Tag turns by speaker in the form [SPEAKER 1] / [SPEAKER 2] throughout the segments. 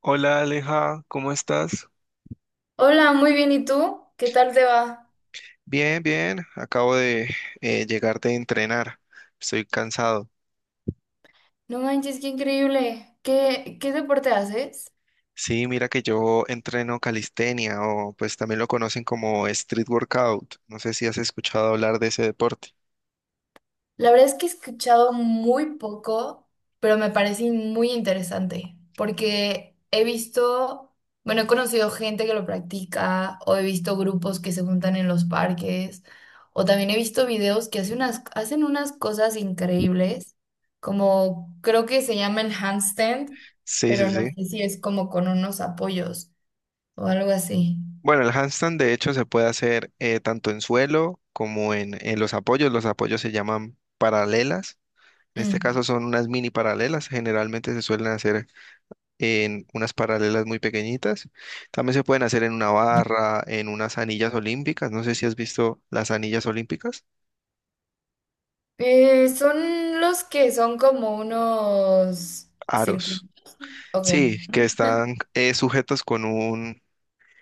[SPEAKER 1] Hola Aleja, ¿cómo estás?
[SPEAKER 2] Hola, muy bien. ¿Y tú? ¿Qué tal te va?
[SPEAKER 1] Bien, bien, acabo de llegar de entrenar, estoy cansado.
[SPEAKER 2] No manches, qué increíble. ¿Qué deporte haces?
[SPEAKER 1] Sí, mira que yo entreno calistenia o pues también lo conocen como street workout, no sé si has escuchado hablar de ese deporte.
[SPEAKER 2] La verdad es que he escuchado muy poco, pero me parece muy interesante porque he visto, bueno, he conocido gente que lo practica o he visto grupos que se juntan en los parques o también he visto videos que hacen unas cosas increíbles, como creo que se llama el handstand,
[SPEAKER 1] Sí, sí,
[SPEAKER 2] pero no
[SPEAKER 1] sí.
[SPEAKER 2] sé si es como con unos apoyos o algo así.
[SPEAKER 1] Bueno, el handstand de hecho se puede hacer tanto en suelo como en los apoyos se llaman paralelas, en este
[SPEAKER 2] Mm.
[SPEAKER 1] caso son unas mini paralelas, generalmente se suelen hacer en unas paralelas muy pequeñitas. También se pueden hacer en una barra, en unas anillas olímpicas. No sé si has visto las anillas olímpicas.
[SPEAKER 2] Son los que son como unos
[SPEAKER 1] Aros.
[SPEAKER 2] circuitos. Ok,
[SPEAKER 1] Sí, que están sujetos con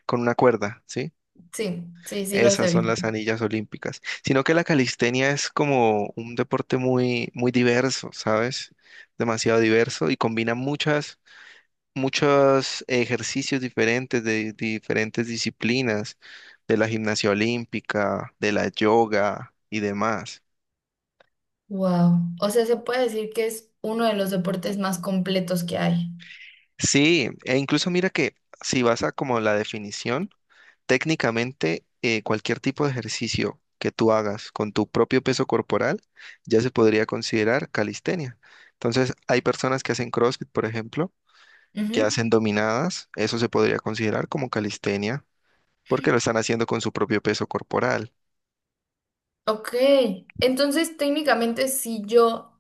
[SPEAKER 1] con una cuerda, ¿sí?
[SPEAKER 2] sí, sí, sí los
[SPEAKER 1] Esas
[SPEAKER 2] he
[SPEAKER 1] son
[SPEAKER 2] visto.
[SPEAKER 1] las anillas olímpicas. Sino que la calistenia es como un deporte muy, muy diverso, ¿sabes? Demasiado diverso y combina muchas muchos ejercicios diferentes de diferentes disciplinas, de la gimnasia olímpica, de la yoga y demás.
[SPEAKER 2] Wow. O sea, se puede decir que es uno de los deportes más completos que hay.
[SPEAKER 1] Sí, e incluso mira que si vas a como la definición, técnicamente cualquier tipo de ejercicio que tú hagas con tu propio peso corporal ya se podría considerar calistenia. Entonces, hay personas que hacen CrossFit, por ejemplo, que
[SPEAKER 2] Ujú.
[SPEAKER 1] hacen dominadas, eso se podría considerar como calistenia porque lo están haciendo con su propio peso corporal.
[SPEAKER 2] Ok, entonces técnicamente si yo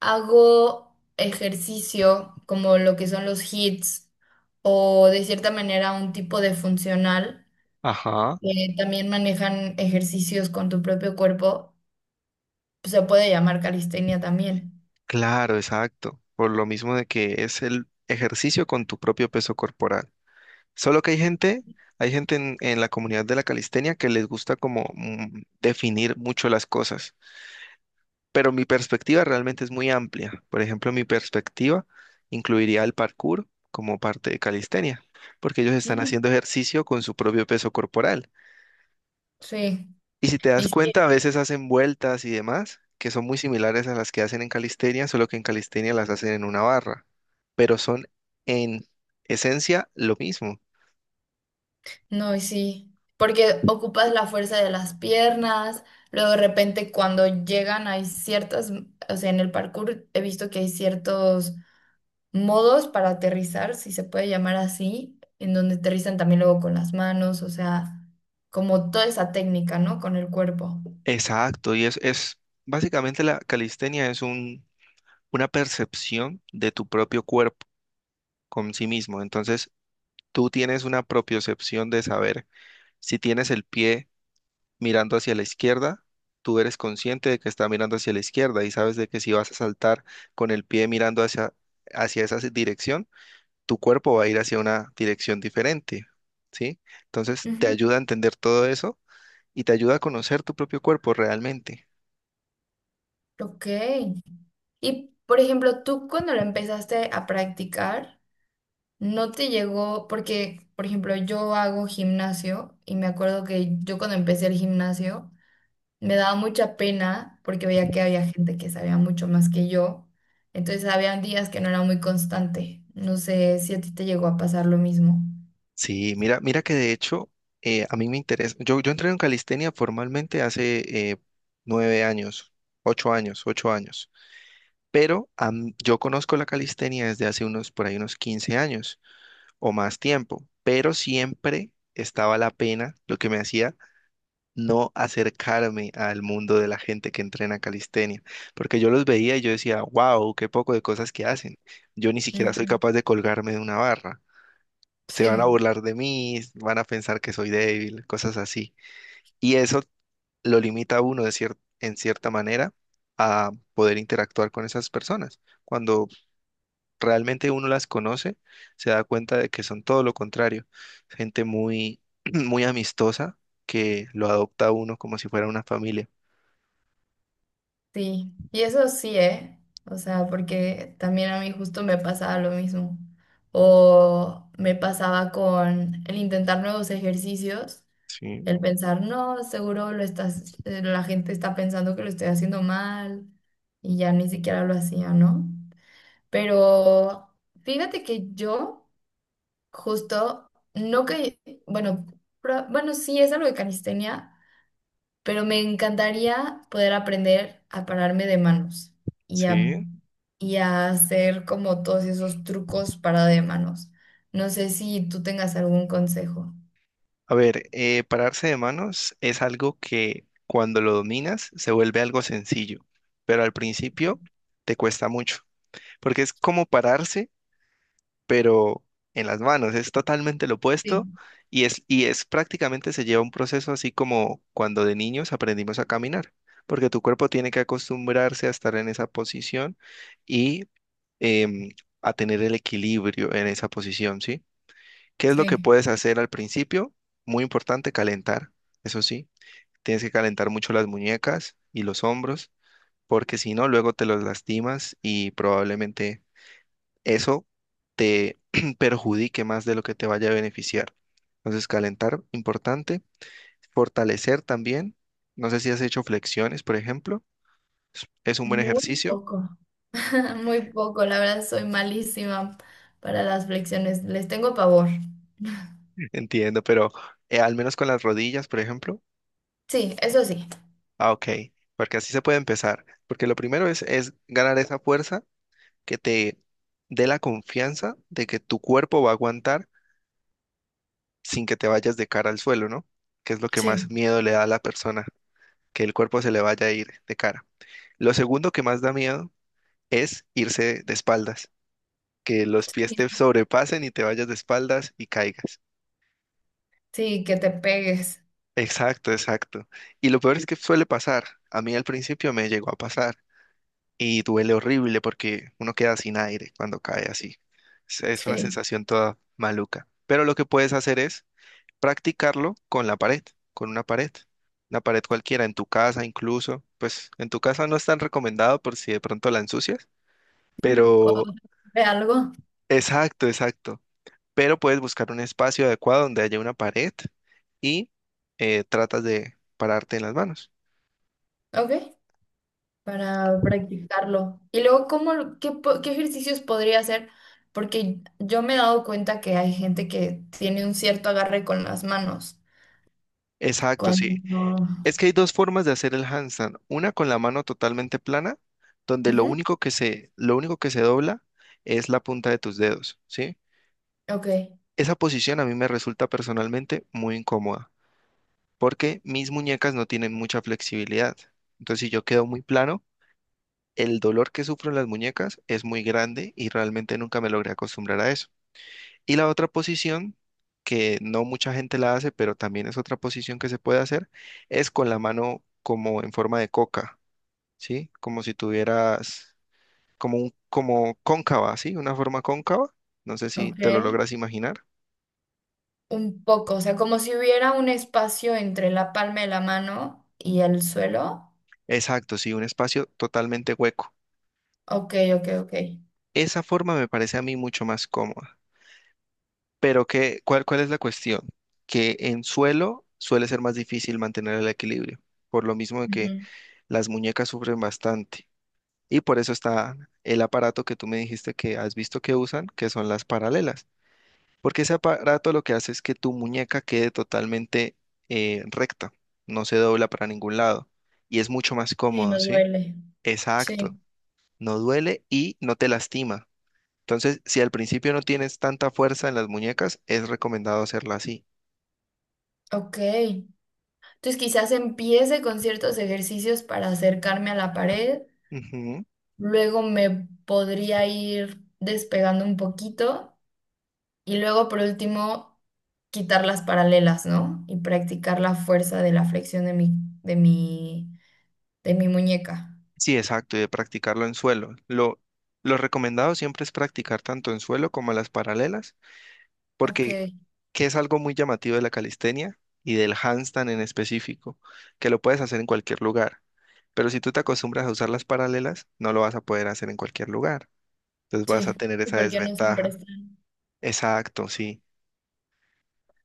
[SPEAKER 2] hago ejercicio como lo que son los hits o de cierta manera un tipo de funcional,
[SPEAKER 1] Ajá,
[SPEAKER 2] que también manejan ejercicios con tu propio cuerpo, se puede llamar calistenia también.
[SPEAKER 1] claro, exacto. Por lo mismo de que es el ejercicio con tu propio peso corporal. Solo que hay gente en la comunidad de la calistenia que les gusta como definir mucho las cosas. Pero mi perspectiva realmente es muy amplia. Por ejemplo, mi perspectiva incluiría el parkour como parte de calistenia, porque ellos están
[SPEAKER 2] Mm.
[SPEAKER 1] haciendo ejercicio con su propio peso corporal.
[SPEAKER 2] Sí,
[SPEAKER 1] Y si te
[SPEAKER 2] y
[SPEAKER 1] das
[SPEAKER 2] sí,
[SPEAKER 1] cuenta, a veces hacen vueltas y demás, que son muy similares a las que hacen en calistenia, solo que en calistenia las hacen en una barra, pero son en esencia lo mismo.
[SPEAKER 2] no, y sí, porque ocupas la fuerza de las piernas, luego de repente cuando llegan hay ciertas, o sea, en el parkour he visto que hay ciertos modos para aterrizar, si se puede llamar así, en donde aterrizan también luego con las manos, o sea, como toda esa técnica, ¿no? Con el cuerpo.
[SPEAKER 1] Exacto, es básicamente la calistenia es un, una percepción de tu propio cuerpo con sí mismo. Entonces, tú tienes una propiocepción de saber si tienes el pie mirando hacia la izquierda, tú eres consciente de que está mirando hacia la izquierda y sabes de que si vas a saltar con el pie mirando hacia esa dirección, tu cuerpo va a ir hacia una dirección diferente, ¿sí? Entonces te
[SPEAKER 2] Ujú.
[SPEAKER 1] ayuda a entender todo eso y te ayuda a conocer tu propio cuerpo realmente.
[SPEAKER 2] Ok. Y, por ejemplo, tú cuando lo empezaste a practicar, no te llegó, porque, por ejemplo, yo hago gimnasio y me acuerdo que yo cuando empecé el gimnasio me daba mucha pena porque veía que había gente que sabía mucho más que yo. Entonces, habían días que no era muy constante. No sé si a ti te llegó a pasar lo mismo.
[SPEAKER 1] Sí, mira, mira que de hecho a mí me interesa. Yo entré en calistenia formalmente hace 9 años, 8 años, 8 años. Pero yo conozco la calistenia desde hace unos, por ahí unos 15 años o más tiempo, pero siempre estaba la pena, lo que me hacía no acercarme al mundo de la gente que entrena calistenia, porque yo los veía y yo decía, wow, qué poco de cosas que hacen. Yo ni siquiera soy
[SPEAKER 2] Ujú.
[SPEAKER 1] capaz de colgarme de una barra. Se van a
[SPEAKER 2] Sí,
[SPEAKER 1] burlar de mí, van a pensar que soy débil, cosas así. Y eso lo limita a uno de en cierta manera a poder interactuar con esas personas. Cuando realmente uno las conoce, se da cuenta de que son todo lo contrario. Gente muy, muy amistosa que lo adopta a uno como si fuera una familia.
[SPEAKER 2] sí. Y eso sí, ¿eh? O sea, porque también a mí justo me pasaba lo mismo. O me pasaba con el intentar nuevos ejercicios.
[SPEAKER 1] Sí,
[SPEAKER 2] El pensar, no, seguro lo estás, la gente está pensando que lo estoy haciendo mal y ya ni siquiera lo hacía, ¿no? Pero fíjate que yo justo no que, bueno, bueno, sí es algo de calistenia, pero me encantaría poder aprender a pararme de manos y a,
[SPEAKER 1] sí.
[SPEAKER 2] y a hacer como todos esos trucos para de manos. No sé si tú tengas algún consejo.
[SPEAKER 1] A ver, pararse de manos es algo que cuando lo dominas se vuelve algo sencillo, pero al principio te cuesta mucho, porque es como pararse pero en las manos es totalmente lo opuesto
[SPEAKER 2] Sí,
[SPEAKER 1] y y es prácticamente se lleva un proceso así como cuando de niños aprendimos a caminar, porque tu cuerpo tiene que acostumbrarse a estar en esa posición y em, a tener el equilibrio en esa posición, ¿sí? ¿Qué es lo que
[SPEAKER 2] sí,
[SPEAKER 1] puedes hacer al principio? Muy importante, calentar, eso sí, tienes que calentar mucho las muñecas y los hombros, porque si no, luego te los lastimas y probablemente eso te perjudique más de lo que te vaya a beneficiar. Entonces, calentar, importante. Fortalecer también. No sé si has hecho flexiones, por ejemplo. Es un buen
[SPEAKER 2] muy
[SPEAKER 1] ejercicio,
[SPEAKER 2] poco. Muy poco, la verdad soy malísima para las flexiones, les tengo pavor.
[SPEAKER 1] entiendo, pero al menos con las rodillas, por ejemplo.
[SPEAKER 2] Sí, eso sí,
[SPEAKER 1] Ah, ok, porque así se puede empezar. Porque lo primero es ganar esa fuerza que te dé la confianza de que tu cuerpo va a aguantar sin que te vayas de cara al suelo, ¿no? Que es lo que más
[SPEAKER 2] sí,
[SPEAKER 1] miedo le da a la persona. Que el cuerpo se le vaya a ir de cara. Lo segundo que más da miedo es irse de espaldas, que los pies te sobrepasen y te vayas de espaldas y caigas.
[SPEAKER 2] sí, que te pegues,
[SPEAKER 1] Exacto, exacto. Y lo peor es que suele pasar. A mí al principio me llegó a pasar y duele horrible porque uno queda sin aire cuando cae así. Es una
[SPEAKER 2] sí,
[SPEAKER 1] sensación toda maluca. Pero lo que puedes hacer es practicarlo con la pared, con una pared cualquiera, en tu casa incluso. Pues en tu casa no es tan recomendado por si de pronto la ensucias.
[SPEAKER 2] o
[SPEAKER 1] Pero,
[SPEAKER 2] de algo,
[SPEAKER 1] exacto, exacto. Pero puedes buscar un espacio adecuado donde haya una pared y tratas de pararte en las manos.
[SPEAKER 2] ¿ok? Para practicarlo. Y luego, ¿cómo, lo- qué, po- qué ejercicios podría hacer? Porque yo me he dado cuenta que hay gente que tiene un cierto agarre con las manos.
[SPEAKER 1] Exacto, sí.
[SPEAKER 2] Cuando...
[SPEAKER 1] Es que hay dos formas de hacer el handstand. Una con la mano totalmente plana, donde
[SPEAKER 2] Ujú,
[SPEAKER 1] lo único que se dobla es la punta de tus dedos, ¿sí?
[SPEAKER 2] ok,
[SPEAKER 1] Esa posición a mí me resulta personalmente muy incómoda, porque mis muñecas no tienen mucha flexibilidad. Entonces, si yo quedo muy plano, el dolor que sufro en las muñecas es muy grande y realmente nunca me logré acostumbrar a eso. Y la otra posición, que no mucha gente la hace, pero también es otra posición que se puede hacer, es con la mano como en forma de coca, ¿sí? Como si tuvieras como cóncava, ¿sí? Una forma cóncava. No sé si
[SPEAKER 2] ok,
[SPEAKER 1] te lo logras imaginar.
[SPEAKER 2] un poco, o sea, como si hubiera un espacio entre la palma de la mano y el suelo.
[SPEAKER 1] Exacto, sí, un espacio totalmente hueco.
[SPEAKER 2] Ok, ok, ok.
[SPEAKER 1] Esa forma me parece a mí mucho más cómoda. Pero que, ¿cuál es la cuestión? Que en suelo suele ser más difícil mantener el equilibrio, por lo mismo de que
[SPEAKER 2] Ujú.
[SPEAKER 1] las muñecas sufren bastante. Y por eso está el aparato que tú me dijiste que has visto que usan, que son las paralelas. Porque ese aparato lo que hace es que tu muñeca quede totalmente recta, no se dobla para ningún lado. Y es mucho más
[SPEAKER 2] Sí,
[SPEAKER 1] cómodo,
[SPEAKER 2] nos
[SPEAKER 1] ¿sí?
[SPEAKER 2] duele.
[SPEAKER 1] Exacto.
[SPEAKER 2] Sí,
[SPEAKER 1] No duele y no te lastima. Entonces, si al principio no tienes tanta fuerza en las muñecas, es recomendado hacerla así.
[SPEAKER 2] ok. Entonces quizás empiece con ciertos ejercicios para acercarme a la pared,
[SPEAKER 1] Ujú.
[SPEAKER 2] luego me podría ir despegando un poquito y luego por último quitar las paralelas, ¿no? Y practicar la fuerza de la flexión de mi, de mi muñeca.
[SPEAKER 1] Sí, exacto, y de practicarlo en suelo. Lo recomendado siempre es practicar tanto en suelo como las paralelas,
[SPEAKER 2] Ok.
[SPEAKER 1] porque que es algo muy llamativo de la calistenia y del handstand en específico, que lo puedes hacer en cualquier lugar. Pero si tú te acostumbras a usar las paralelas, no lo vas a poder hacer en cualquier lugar. Entonces vas
[SPEAKER 2] Sí,
[SPEAKER 1] a tener
[SPEAKER 2] sí,
[SPEAKER 1] esa
[SPEAKER 2] porque no siempre
[SPEAKER 1] desventaja.
[SPEAKER 2] están.
[SPEAKER 1] Exacto, sí.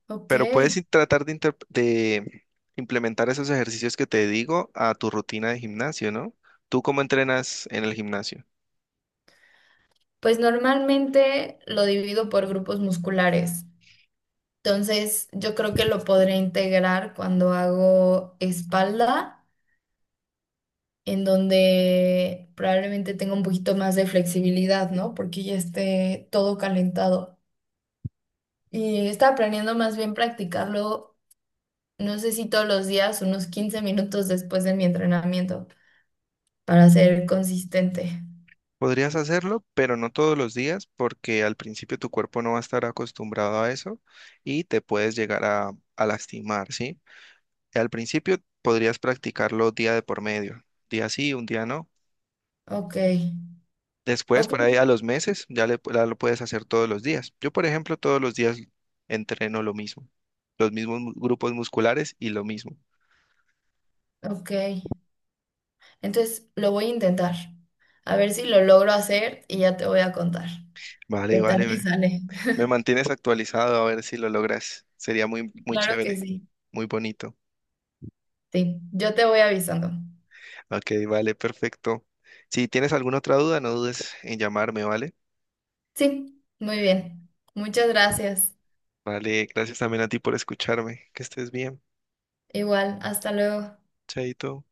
[SPEAKER 2] Ok.
[SPEAKER 1] Pero puedes tratar de, implementar esos ejercicios que te digo a tu rutina de gimnasio, ¿no? ¿Tú cómo entrenas en el gimnasio?
[SPEAKER 2] Pues normalmente lo divido por grupos musculares. Entonces, yo creo que lo podré integrar cuando hago espalda, en donde probablemente tenga un poquito más de flexibilidad, ¿no? Porque ya esté todo calentado. Y estaba planeando más bien practicarlo, no sé si todos los días, unos 15 minutos después de mi entrenamiento, para ser consistente.
[SPEAKER 1] Podrías hacerlo, pero no todos los días, porque al principio tu cuerpo no va a estar acostumbrado a eso y te puedes llegar a lastimar, ¿sí? Al principio podrías practicarlo día de por medio, día sí, un día no.
[SPEAKER 2] Ok,
[SPEAKER 1] Después,
[SPEAKER 2] ok,
[SPEAKER 1] por ahí a los meses, ya lo puedes hacer todos los días. Yo, por ejemplo, todos los días entreno lo mismo, los mismos grupos musculares y lo mismo.
[SPEAKER 2] ok. Entonces lo voy a intentar. A ver si lo logro hacer y ya te voy a contar
[SPEAKER 1] Vale,
[SPEAKER 2] qué tal me sale.
[SPEAKER 1] me mantienes actualizado a ver si lo logras. Sería muy, muy
[SPEAKER 2] Claro que
[SPEAKER 1] chévere,
[SPEAKER 2] sí.
[SPEAKER 1] muy bonito.
[SPEAKER 2] Sí, yo te voy avisando.
[SPEAKER 1] Ok, vale, perfecto. Si tienes alguna otra duda, no dudes en llamarme, ¿vale?
[SPEAKER 2] Sí, muy bien. Muchas gracias.
[SPEAKER 1] Vale, gracias también a ti por escucharme. Que estés bien.
[SPEAKER 2] Igual, hasta luego.
[SPEAKER 1] Chaito.